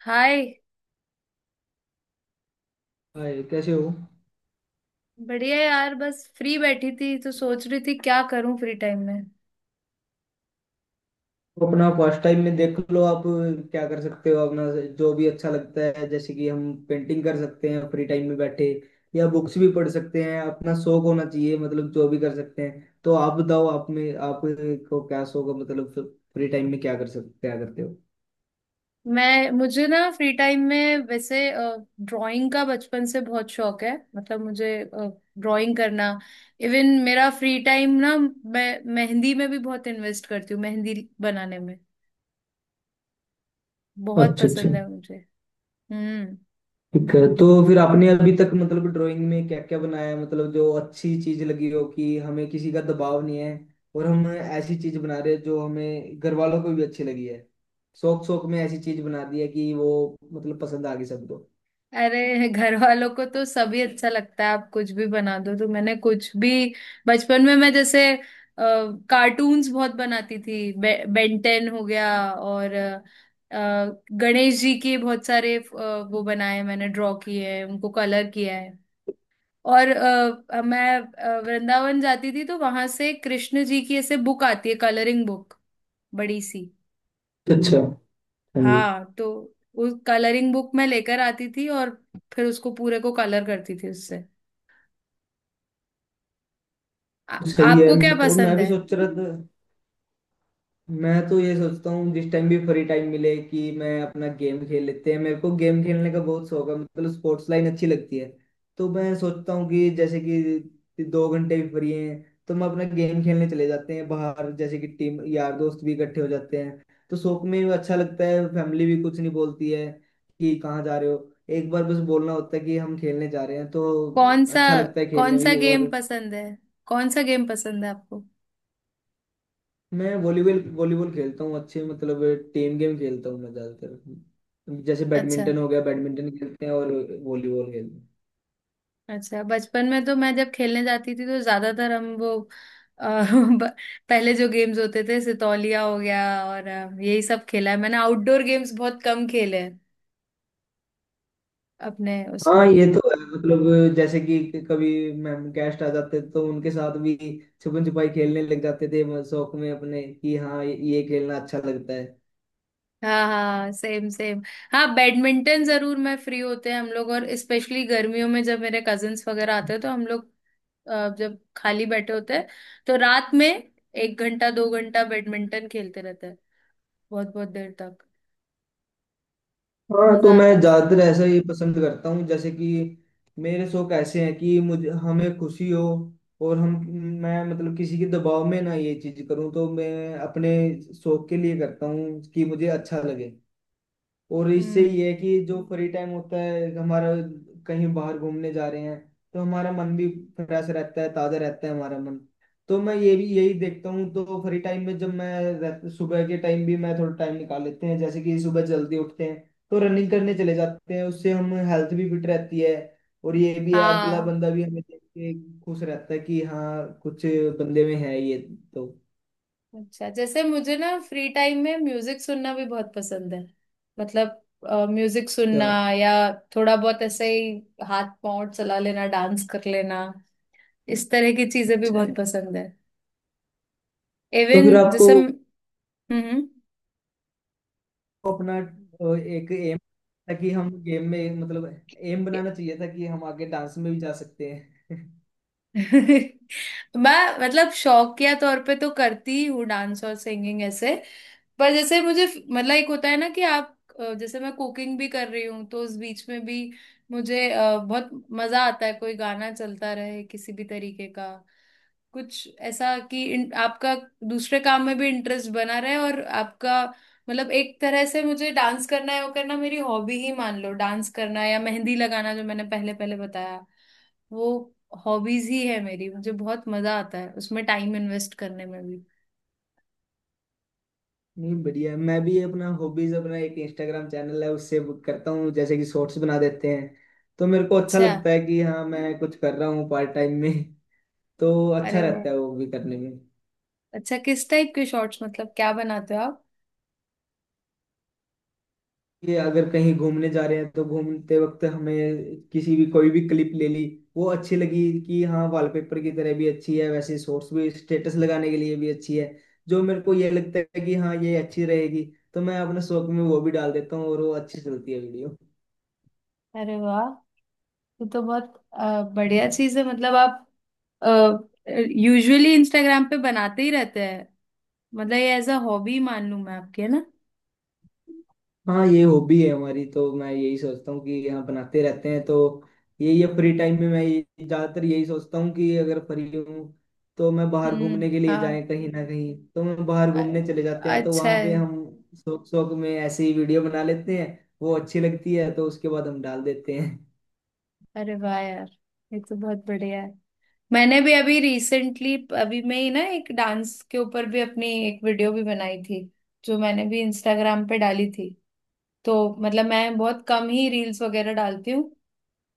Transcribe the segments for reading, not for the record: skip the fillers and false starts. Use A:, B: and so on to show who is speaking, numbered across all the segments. A: हाय।
B: Hi, कैसे हो।
A: बढ़िया यार, बस फ्री बैठी थी तो सोच रही थी क्या करूं फ्री टाइम में।
B: तो अपना फर्स्ट टाइम में देख लो आप क्या कर सकते हो अपना। जो भी अच्छा लगता है जैसे कि हम पेंटिंग कर सकते हैं फ्री टाइम में बैठे, या बुक्स भी पढ़ सकते हैं। अपना शौक होना चाहिए, मतलब जो भी कर सकते हैं। तो आप बताओ आप में आपको क्या शौक है, मतलब फ्री टाइम में क्या कर सकते, क्या करते हो।
A: मैं मुझे ना फ्री टाइम में वैसे ड्राइंग का बचपन से बहुत शौक है, मतलब मुझे ड्राइंग करना। इवन मेरा फ्री टाइम ना, मैं मेहंदी में भी बहुत इन्वेस्ट करती हूँ, मेहंदी बनाने में बहुत
B: अच्छा अच्छा।
A: पसंद है मुझे। हम्म।
B: ठीक है तो फिर आपने अभी तक मतलब ड्राइंग में क्या क्या बनाया है, मतलब जो अच्छी चीज लगी हो कि हमें किसी का दबाव नहीं है, और हम ऐसी चीज बना रहे हैं जो हमें घर वालों को भी अच्छी लगी है। शौक शौक में ऐसी चीज बना दी है कि वो मतलब पसंद आ गई सबको।
A: अरे घर वालों को तो सभी अच्छा लगता है, आप कुछ भी बना दो। तो मैंने कुछ भी, बचपन में मैं जैसे कार्टून्स बहुत बनाती थी। बेंटेन हो गया, और गणेश जी के बहुत सारे वो बनाए हैं मैंने, ड्रॉ किए हैं उनको, कलर किया है। और मैं वृंदावन जाती थी, तो वहां से कृष्ण जी की ऐसे बुक आती है, कलरिंग बुक, बड़ी सी।
B: अच्छा। हाँ जी।
A: हाँ, तो उस कलरिंग बुक मैं लेकर आती थी और फिर उसको पूरे को कलर करती थी उससे।
B: सही है।
A: आपको क्या
B: और मैं
A: पसंद
B: भी
A: है?
B: सोच रहा था, मैं तो ये सोचता हूँ जिस टाइम भी फ्री टाइम मिले कि मैं अपना गेम खेल लेते हैं। मेरे को गेम खेलने का बहुत शौक है, मतलब स्पोर्ट्स लाइन अच्छी लगती है। तो मैं सोचता हूँ कि जैसे कि दो घंटे भी फ्री हैं तो हम अपना गेम खेलने चले जाते हैं बाहर, जैसे कि टीम यार दोस्त भी इकट्ठे हो जाते हैं। तो शौक में भी अच्छा लगता है, फैमिली भी कुछ नहीं बोलती है कि कहाँ जा रहे हो। एक बार बस बोलना होता है कि हम खेलने जा रहे हैं। तो
A: कौन सा,
B: अच्छा लगता है खेलने
A: कौन सा
B: भी। और
A: गेम पसंद है? कौन सा गेम पसंद है आपको?
B: मैं वॉलीबॉल वॉलीबॉल खेलता हूँ, अच्छे मतलब टीम गेम खेलता हूँ मैं ज्यादातर। जैसे
A: अच्छा,
B: बैडमिंटन हो गया, बैडमिंटन खेलते हैं और वॉलीबॉल खेलते हैं।
A: अच्छा। बचपन में तो मैं जब खेलने जाती थी तो ज्यादातर हम वो, अ, ब- पहले जो गेम्स होते थे, सितौलिया हो गया और यही सब खेला है मैंने। आउटडोर गेम्स बहुत कम खेले हैं अपने
B: हाँ
A: उसमें।
B: ये तो है, मतलब जैसे कि कभी मैम गेस्ट आ जाते तो उनके साथ भी छुपन छुपाई खेलने लग जाते थे। शौक में अपने कि हाँ ये खेलना अच्छा लगता है।
A: हाँ हाँ, सेम सेम। हाँ, बैडमिंटन जरूर, मैं फ्री होते हैं हम लोग, और स्पेशली गर्मियों में जब मेरे कजिन्स वगैरह आते हैं तो हम लोग, जब खाली बैठे होते हैं, तो रात में एक घंटा दो घंटा बैडमिंटन खेलते रहते हैं बहुत बहुत देर तक।
B: हाँ तो
A: मजा
B: मैं
A: आता है उसमें।
B: ज्यादातर ऐसा ही पसंद करता हूँ, जैसे कि मेरे शौक ऐसे हैं कि मुझे हमें खुशी हो। और हम, मैं मतलब किसी के दबाव में ना ये चीज करूँ, तो मैं अपने शौक के लिए करता हूँ कि मुझे अच्छा लगे। और इससे
A: हम्म,
B: ये है कि जो फ्री टाइम होता है हमारा, कहीं बाहर घूमने जा रहे हैं तो हमारा मन भी फ्रेश रहता है, ताजा रहता है हमारा मन। तो मैं ये भी यही देखता हूँ, तो फ्री टाइम में जब मैं सुबह के टाइम भी मैं थोड़ा टाइम निकाल लेते हैं, जैसे कि सुबह जल्दी उठते हैं तो रनिंग करने चले जाते हैं। उससे हम हेल्थ भी फिट रहती है। और ये भी है अगला
A: हाँ।
B: बंदा भी हमें देख के खुश रहता है कि हाँ कुछ बंदे में है ये। तो
A: अच्छा, जैसे मुझे ना फ्री टाइम में म्यूजिक सुनना भी बहुत पसंद है, मतलब म्यूजिक
B: तो
A: सुनना या थोड़ा बहुत ऐसे ही हाथ पांव चला लेना, डांस कर लेना, इस तरह की चीजें भी बहुत पसंद है।
B: तो
A: इवन
B: फिर आपको
A: जैसे हम्म। हम्म।
B: अपना एक एम था कि हम गेम में मतलब एम बनाना चाहिए था कि हम आगे डांस में भी जा सकते हैं।
A: मैं मतलब शौकिया तौर पे तो करती ही हूँ डांस और सिंगिंग ऐसे, पर जैसे मुझे, मतलब एक होता है ना कि आप, जैसे मैं कुकिंग भी कर रही हूँ तो उस बीच में भी मुझे बहुत मजा आता है कोई गाना चलता रहे किसी भी तरीके का, कुछ ऐसा कि आपका दूसरे काम में भी इंटरेस्ट बना रहे और आपका, मतलब एक तरह से मुझे डांस करना है, वो करना मेरी हॉबी ही मान लो। डांस करना या मेहंदी लगाना जो मैंने पहले पहले बताया, वो हॉबीज ही है मेरी। मुझे बहुत मजा आता है उसमें टाइम इन्वेस्ट करने में भी।
B: नहीं, बढ़िया है। मैं भी अपना हॉबीज, अपना एक इंस्टाग्राम चैनल है, उससे वो करता हूँ। जैसे कि शॉर्ट्स बना देते हैं, तो मेरे को अच्छा
A: अच्छा।
B: लगता है कि हाँ मैं कुछ कर रहा हूँ पार्ट टाइम में। तो अच्छा
A: अरे वाह।
B: रहता है वो भी करने में।
A: अच्छा, किस टाइप के शॉर्ट्स, मतलब क्या बनाते हो आप?
B: ये अगर कहीं घूमने जा रहे हैं तो घूमते वक्त हमें किसी भी कोई भी क्लिप ले ली, वो अच्छी लगी कि हाँ वॉलपेपर की तरह भी अच्छी है, वैसे शॉर्ट्स भी स्टेटस लगाने के लिए भी अच्छी है। जो मेरे को ये लगता है कि हाँ ये अच्छी रहेगी, तो मैं अपने शौक में वो भी डाल देता हूँ और वो अच्छी चलती है वीडियो।
A: अरे वाह, ये तो बहुत बढ़िया चीज है। मतलब आप यूजुअली इंस्टाग्राम पे बनाते ही रहते हैं? मतलब ये एज अ हॉबी मान लूं मैं आपके, है ना?
B: हाँ ये हॉबी है हमारी, तो मैं यही सोचता हूँ कि हम बनाते रहते हैं। तो यही है, फ्री टाइम में मैं ज्यादातर यही सोचता हूँ कि अगर फ्री हूँ तो मैं बाहर
A: हम्म,
B: घूमने के लिए
A: हाँ।
B: जाएं कहीं ना कहीं, तो हम बाहर
A: अ-
B: घूमने चले जाते हैं। तो
A: अच्छा
B: वहां
A: है।
B: पे हम शौक शौक में ऐसे ही वीडियो बना लेते हैं, वो अच्छी लगती है तो उसके बाद हम डाल देते हैं।
A: अरे वाह यार, ये तो बहुत बढ़िया है। मैंने भी अभी रिसेंटली, अभी मैं ही ना एक डांस के ऊपर भी अपनी एक वीडियो भी बनाई थी, जो मैंने भी इंस्टाग्राम पे डाली थी। तो मतलब मैं बहुत कम ही रील्स वगैरह डालती हूँ,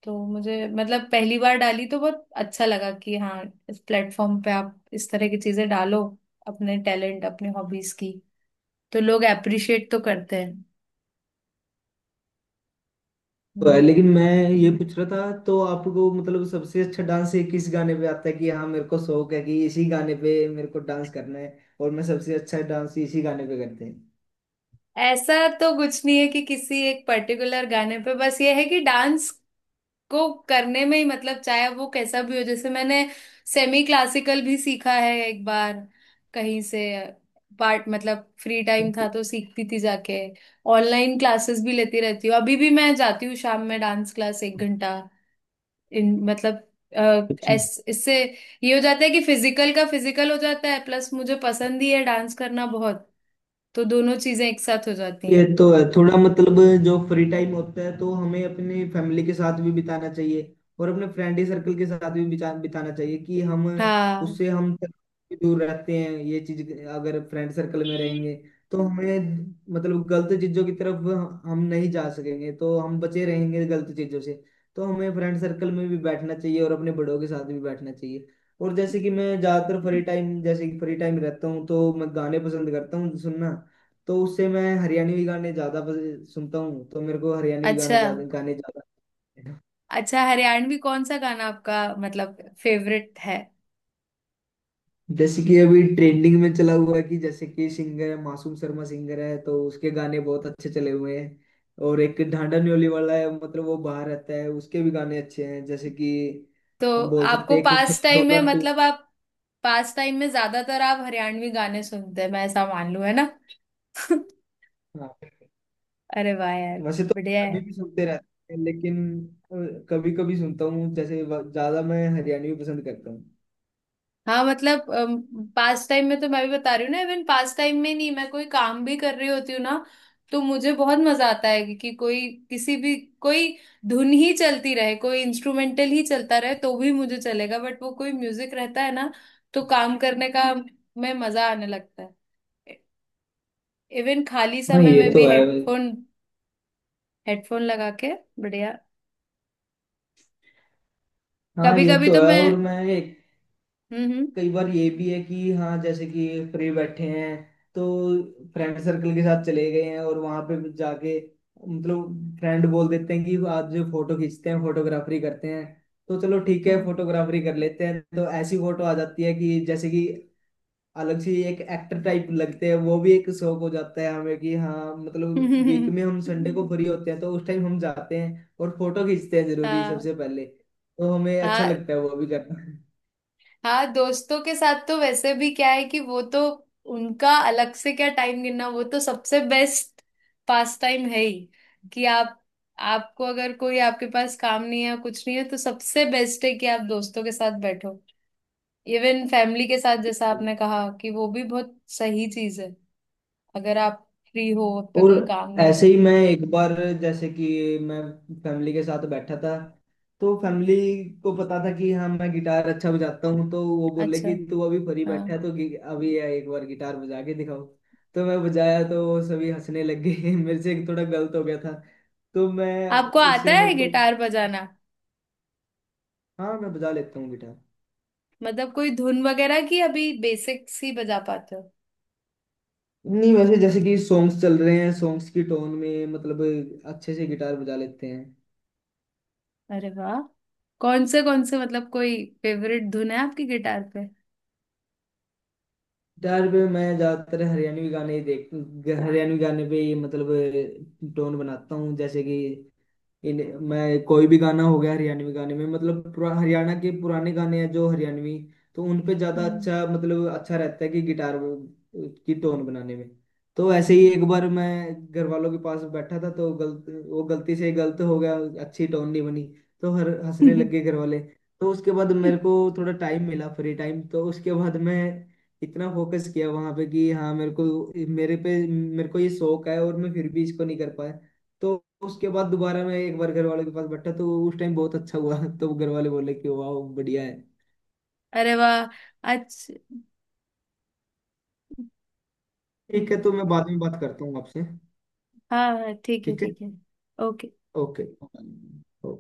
A: तो मुझे मतलब पहली बार डाली तो बहुत अच्छा लगा कि हाँ, इस प्लेटफॉर्म पे आप इस तरह की चीजें डालो अपने टैलेंट अपने हॉबीज की, तो लोग अप्रिशिएट तो करते हैं।
B: तो
A: ये
B: है,
A: है।
B: लेकिन मैं ये पूछ रहा था तो आपको मतलब सबसे अच्छा डांस किस गाने पे आता है कि हाँ मेरे को शौक है कि इसी गाने पे मेरे को डांस करना है और मैं सबसे अच्छा डांस इसी गाने पे करते हैं।
A: ऐसा तो कुछ नहीं है कि किसी एक पर्टिकुलर गाने पे, बस ये है कि डांस को करने में ही, मतलब चाहे वो कैसा भी हो। जैसे मैंने सेमी क्लासिकल भी सीखा है एक बार कहीं से, पार्ट मतलब फ्री टाइम
B: अच्छा।
A: था तो सीखती थी जाके। ऑनलाइन क्लासेस भी लेती रहती हूँ, अभी भी मैं जाती हूँ शाम में डांस क्लास एक घंटा। इन मतलब, अ, इससे ये हो जाता है कि फिजिकल का फिजिकल हो जाता है, प्लस मुझे पसंद ही है डांस करना बहुत, तो दोनों चीजें एक साथ हो जाती
B: ये
A: हैं।
B: तो है थोड़ा मतलब, जो फ्री टाइम होता है तो हमें अपनी फैमिली के साथ भी बिताना चाहिए, और अपने फ्रेंडी सर्कल के साथ भी बिताना चाहिए। कि हम
A: हाँ।
B: उससे हम भी दूर रहते हैं, ये चीज अगर फ्रेंड सर्कल में रहेंगे तो हमें मतलब गलत चीजों की तरफ हम नहीं जा सकेंगे, तो हम बचे रहेंगे गलत चीजों से। तो हमें फ्रेंड सर्कल में भी बैठना चाहिए और अपने बड़ों के साथ भी बैठना चाहिए। और जैसे कि मैं ज्यादातर फ्री टाइम, जैसे कि फ्री टाइम रहता हूँ तो मैं गाने पसंद करता हूँ सुनना। तो उससे मैं हरियाणवी गाने ज्यादा सुनता हूँ, तो मेरे को हरियाणवी गाना
A: अच्छा,
B: ज्यादा, गाने ज्यादा।
A: अच्छा हरियाणवी कौन सा गाना आपका मतलब फेवरेट है?
B: जैसे कि अभी ट्रेंडिंग में चला हुआ है कि जैसे कि सिंगर है मासूम शर्मा सिंगर है, तो उसके गाने बहुत अच्छे चले हुए हैं। और एक ढांडा न्योली वाला है, मतलब वो बाहर रहता है, उसके भी गाने अच्छे हैं। जैसे कि
A: तो
B: हम बोल
A: आपको
B: सकते हैं एक
A: पास टाइम
B: खटोला
A: में,
B: टू।
A: मतलब आप पास टाइम में ज्यादातर आप हरियाणवी गाने सुनते हैं, मैं ऐसा मान लूं, है ना?
B: हाँ,
A: अरे वाह यार,
B: वैसे तो
A: बढ़िया है।
B: अभी भी सुनते रहते हैं, लेकिन कभी कभी सुनता हूँ। जैसे ज्यादा मैं हरियाणवी पसंद करता हूँ।
A: हाँ मतलब पास टाइम में तो, मैं भी बता रही हूँ ना, इवन पास टाइम में नहीं, मैं कोई काम भी कर रही होती हूँ ना, तो मुझे बहुत मजा आता है कि, कोई किसी भी, कोई धुन ही चलती रहे, कोई इंस्ट्रूमेंटल ही चलता रहे तो भी मुझे चलेगा, बट वो कोई म्यूजिक रहता है ना, तो काम करने का में मजा आने लगता है। इवन खाली
B: हाँ
A: समय
B: ये
A: में
B: तो
A: भी
B: है।
A: हेडफोन, हेडफोन लगा के। बढ़िया।
B: हाँ
A: कभी
B: ये
A: कभी
B: तो
A: तो
B: है
A: मैं,
B: और
A: हम्म।
B: कई बार ये भी है कि हाँ जैसे कि फ्री बैठे हैं तो फ्रेंड सर्कल के साथ चले गए हैं, और वहां पे भी जाके मतलब फ्रेंड बोल देते हैं कि आज जो फोटो खींचते हैं, फोटोग्राफरी करते हैं। तो चलो ठीक है,
A: हम्म।
B: फोटोग्राफरी कर लेते हैं। तो ऐसी फोटो आ जाती है कि जैसे कि अलग से एक एक्टर टाइप लगते हैं। वो भी एक शौक हो जाता है हमें कि हाँ, मतलब वीक
A: हम्म।
B: में हम संडे को फ्री होते हैं तो उस टाइम हम जाते हैं और फोटो खींचते हैं जरूरी
A: हाँ।
B: सबसे पहले। तो हमें अच्छा
A: हाँ,
B: लगता है वो भी करना।
A: हाँ दोस्तों के साथ तो वैसे भी क्या है कि वो तो, उनका अलग से क्या टाइम गिनना, वो तो सबसे बेस्ट पास टाइम है ही, कि आप, आपको अगर कोई आपके पास काम नहीं है, कुछ नहीं है, तो सबसे बेस्ट है कि आप दोस्तों के साथ बैठो। इवन फैमिली के साथ जैसा आपने कहा, कि वो भी बहुत सही चीज है अगर आप फ्री हो, आप पे
B: और
A: कोई काम नहीं है।
B: ऐसे ही मैं एक बार, जैसे कि मैं फैमिली के साथ बैठा था, तो फैमिली को पता था कि हाँ मैं गिटार अच्छा बजाता हूँ। तो वो बोले कि
A: अच्छा।
B: तू अभी फ्री
A: हाँ,
B: बैठा है तो अभी ये एक बार गिटार बजा के दिखाओ। तो मैं बजाया तो वो सभी हंसने लग गए। मेरे से एक थोड़ा गलत हो गया था। तो मैं,
A: आपको आता
B: उससे
A: है
B: मेरे को,
A: गिटार बजाना?
B: हाँ मैं बजा लेता हूँ गिटार।
A: मतलब कोई धुन वगैरह की, अभी बेसिक्स ही बजा पाते हो?
B: नहीं वैसे जैसे कि सॉन्ग्स चल रहे हैं, सॉन्ग्स की टोन में मतलब अच्छे से गिटार बजा लेते हैं।
A: अरे वाह, कौन से कौन से, मतलब कोई फेवरेट धुन है आपकी गिटार पे?
B: डर पे मैं ज्यादातर हरियाणवी गाने ही देख, हरियाणवी गाने पे ही मतलब टोन बनाता हूँ। जैसे कि इन, मैं कोई भी गाना हो गया हरियाणवी गाने में मतलब हरियाणा के पुराने गाने हैं जो हरियाणवी, तो उन पे ज्यादा
A: हम्म।
B: अच्छा मतलब अच्छा रहता है कि गिटार की टोन बनाने में। तो ऐसे ही एक बार मैं घर वालों के पास बैठा था, तो गलत वो गलती से गलत हो गया, अच्छी टोन नहीं बनी। तो हर हंसने लग गए घर वाले। तो उसके बाद मेरे को थोड़ा टाइम मिला फ्री टाइम, तो उसके बाद मैं इतना फोकस किया वहां पे कि हाँ मेरे को, मेरे पे मेरे को ये शौक है और मैं फिर भी इसको नहीं कर पाया। तो उसके बाद दोबारा मैं एक बार घर वालों के पास बैठा तो उस टाइम बहुत अच्छा हुआ। तो घर वाले बोले कि वाह बढ़िया है।
A: अरे वाह। अच्छा।
B: ठीक है, तो मैं बाद में बात करता हूँ आपसे।
A: हाँ हाँ, ठीक है,
B: ठीक है।
A: ठीक है। ओके।
B: ओके। ओके।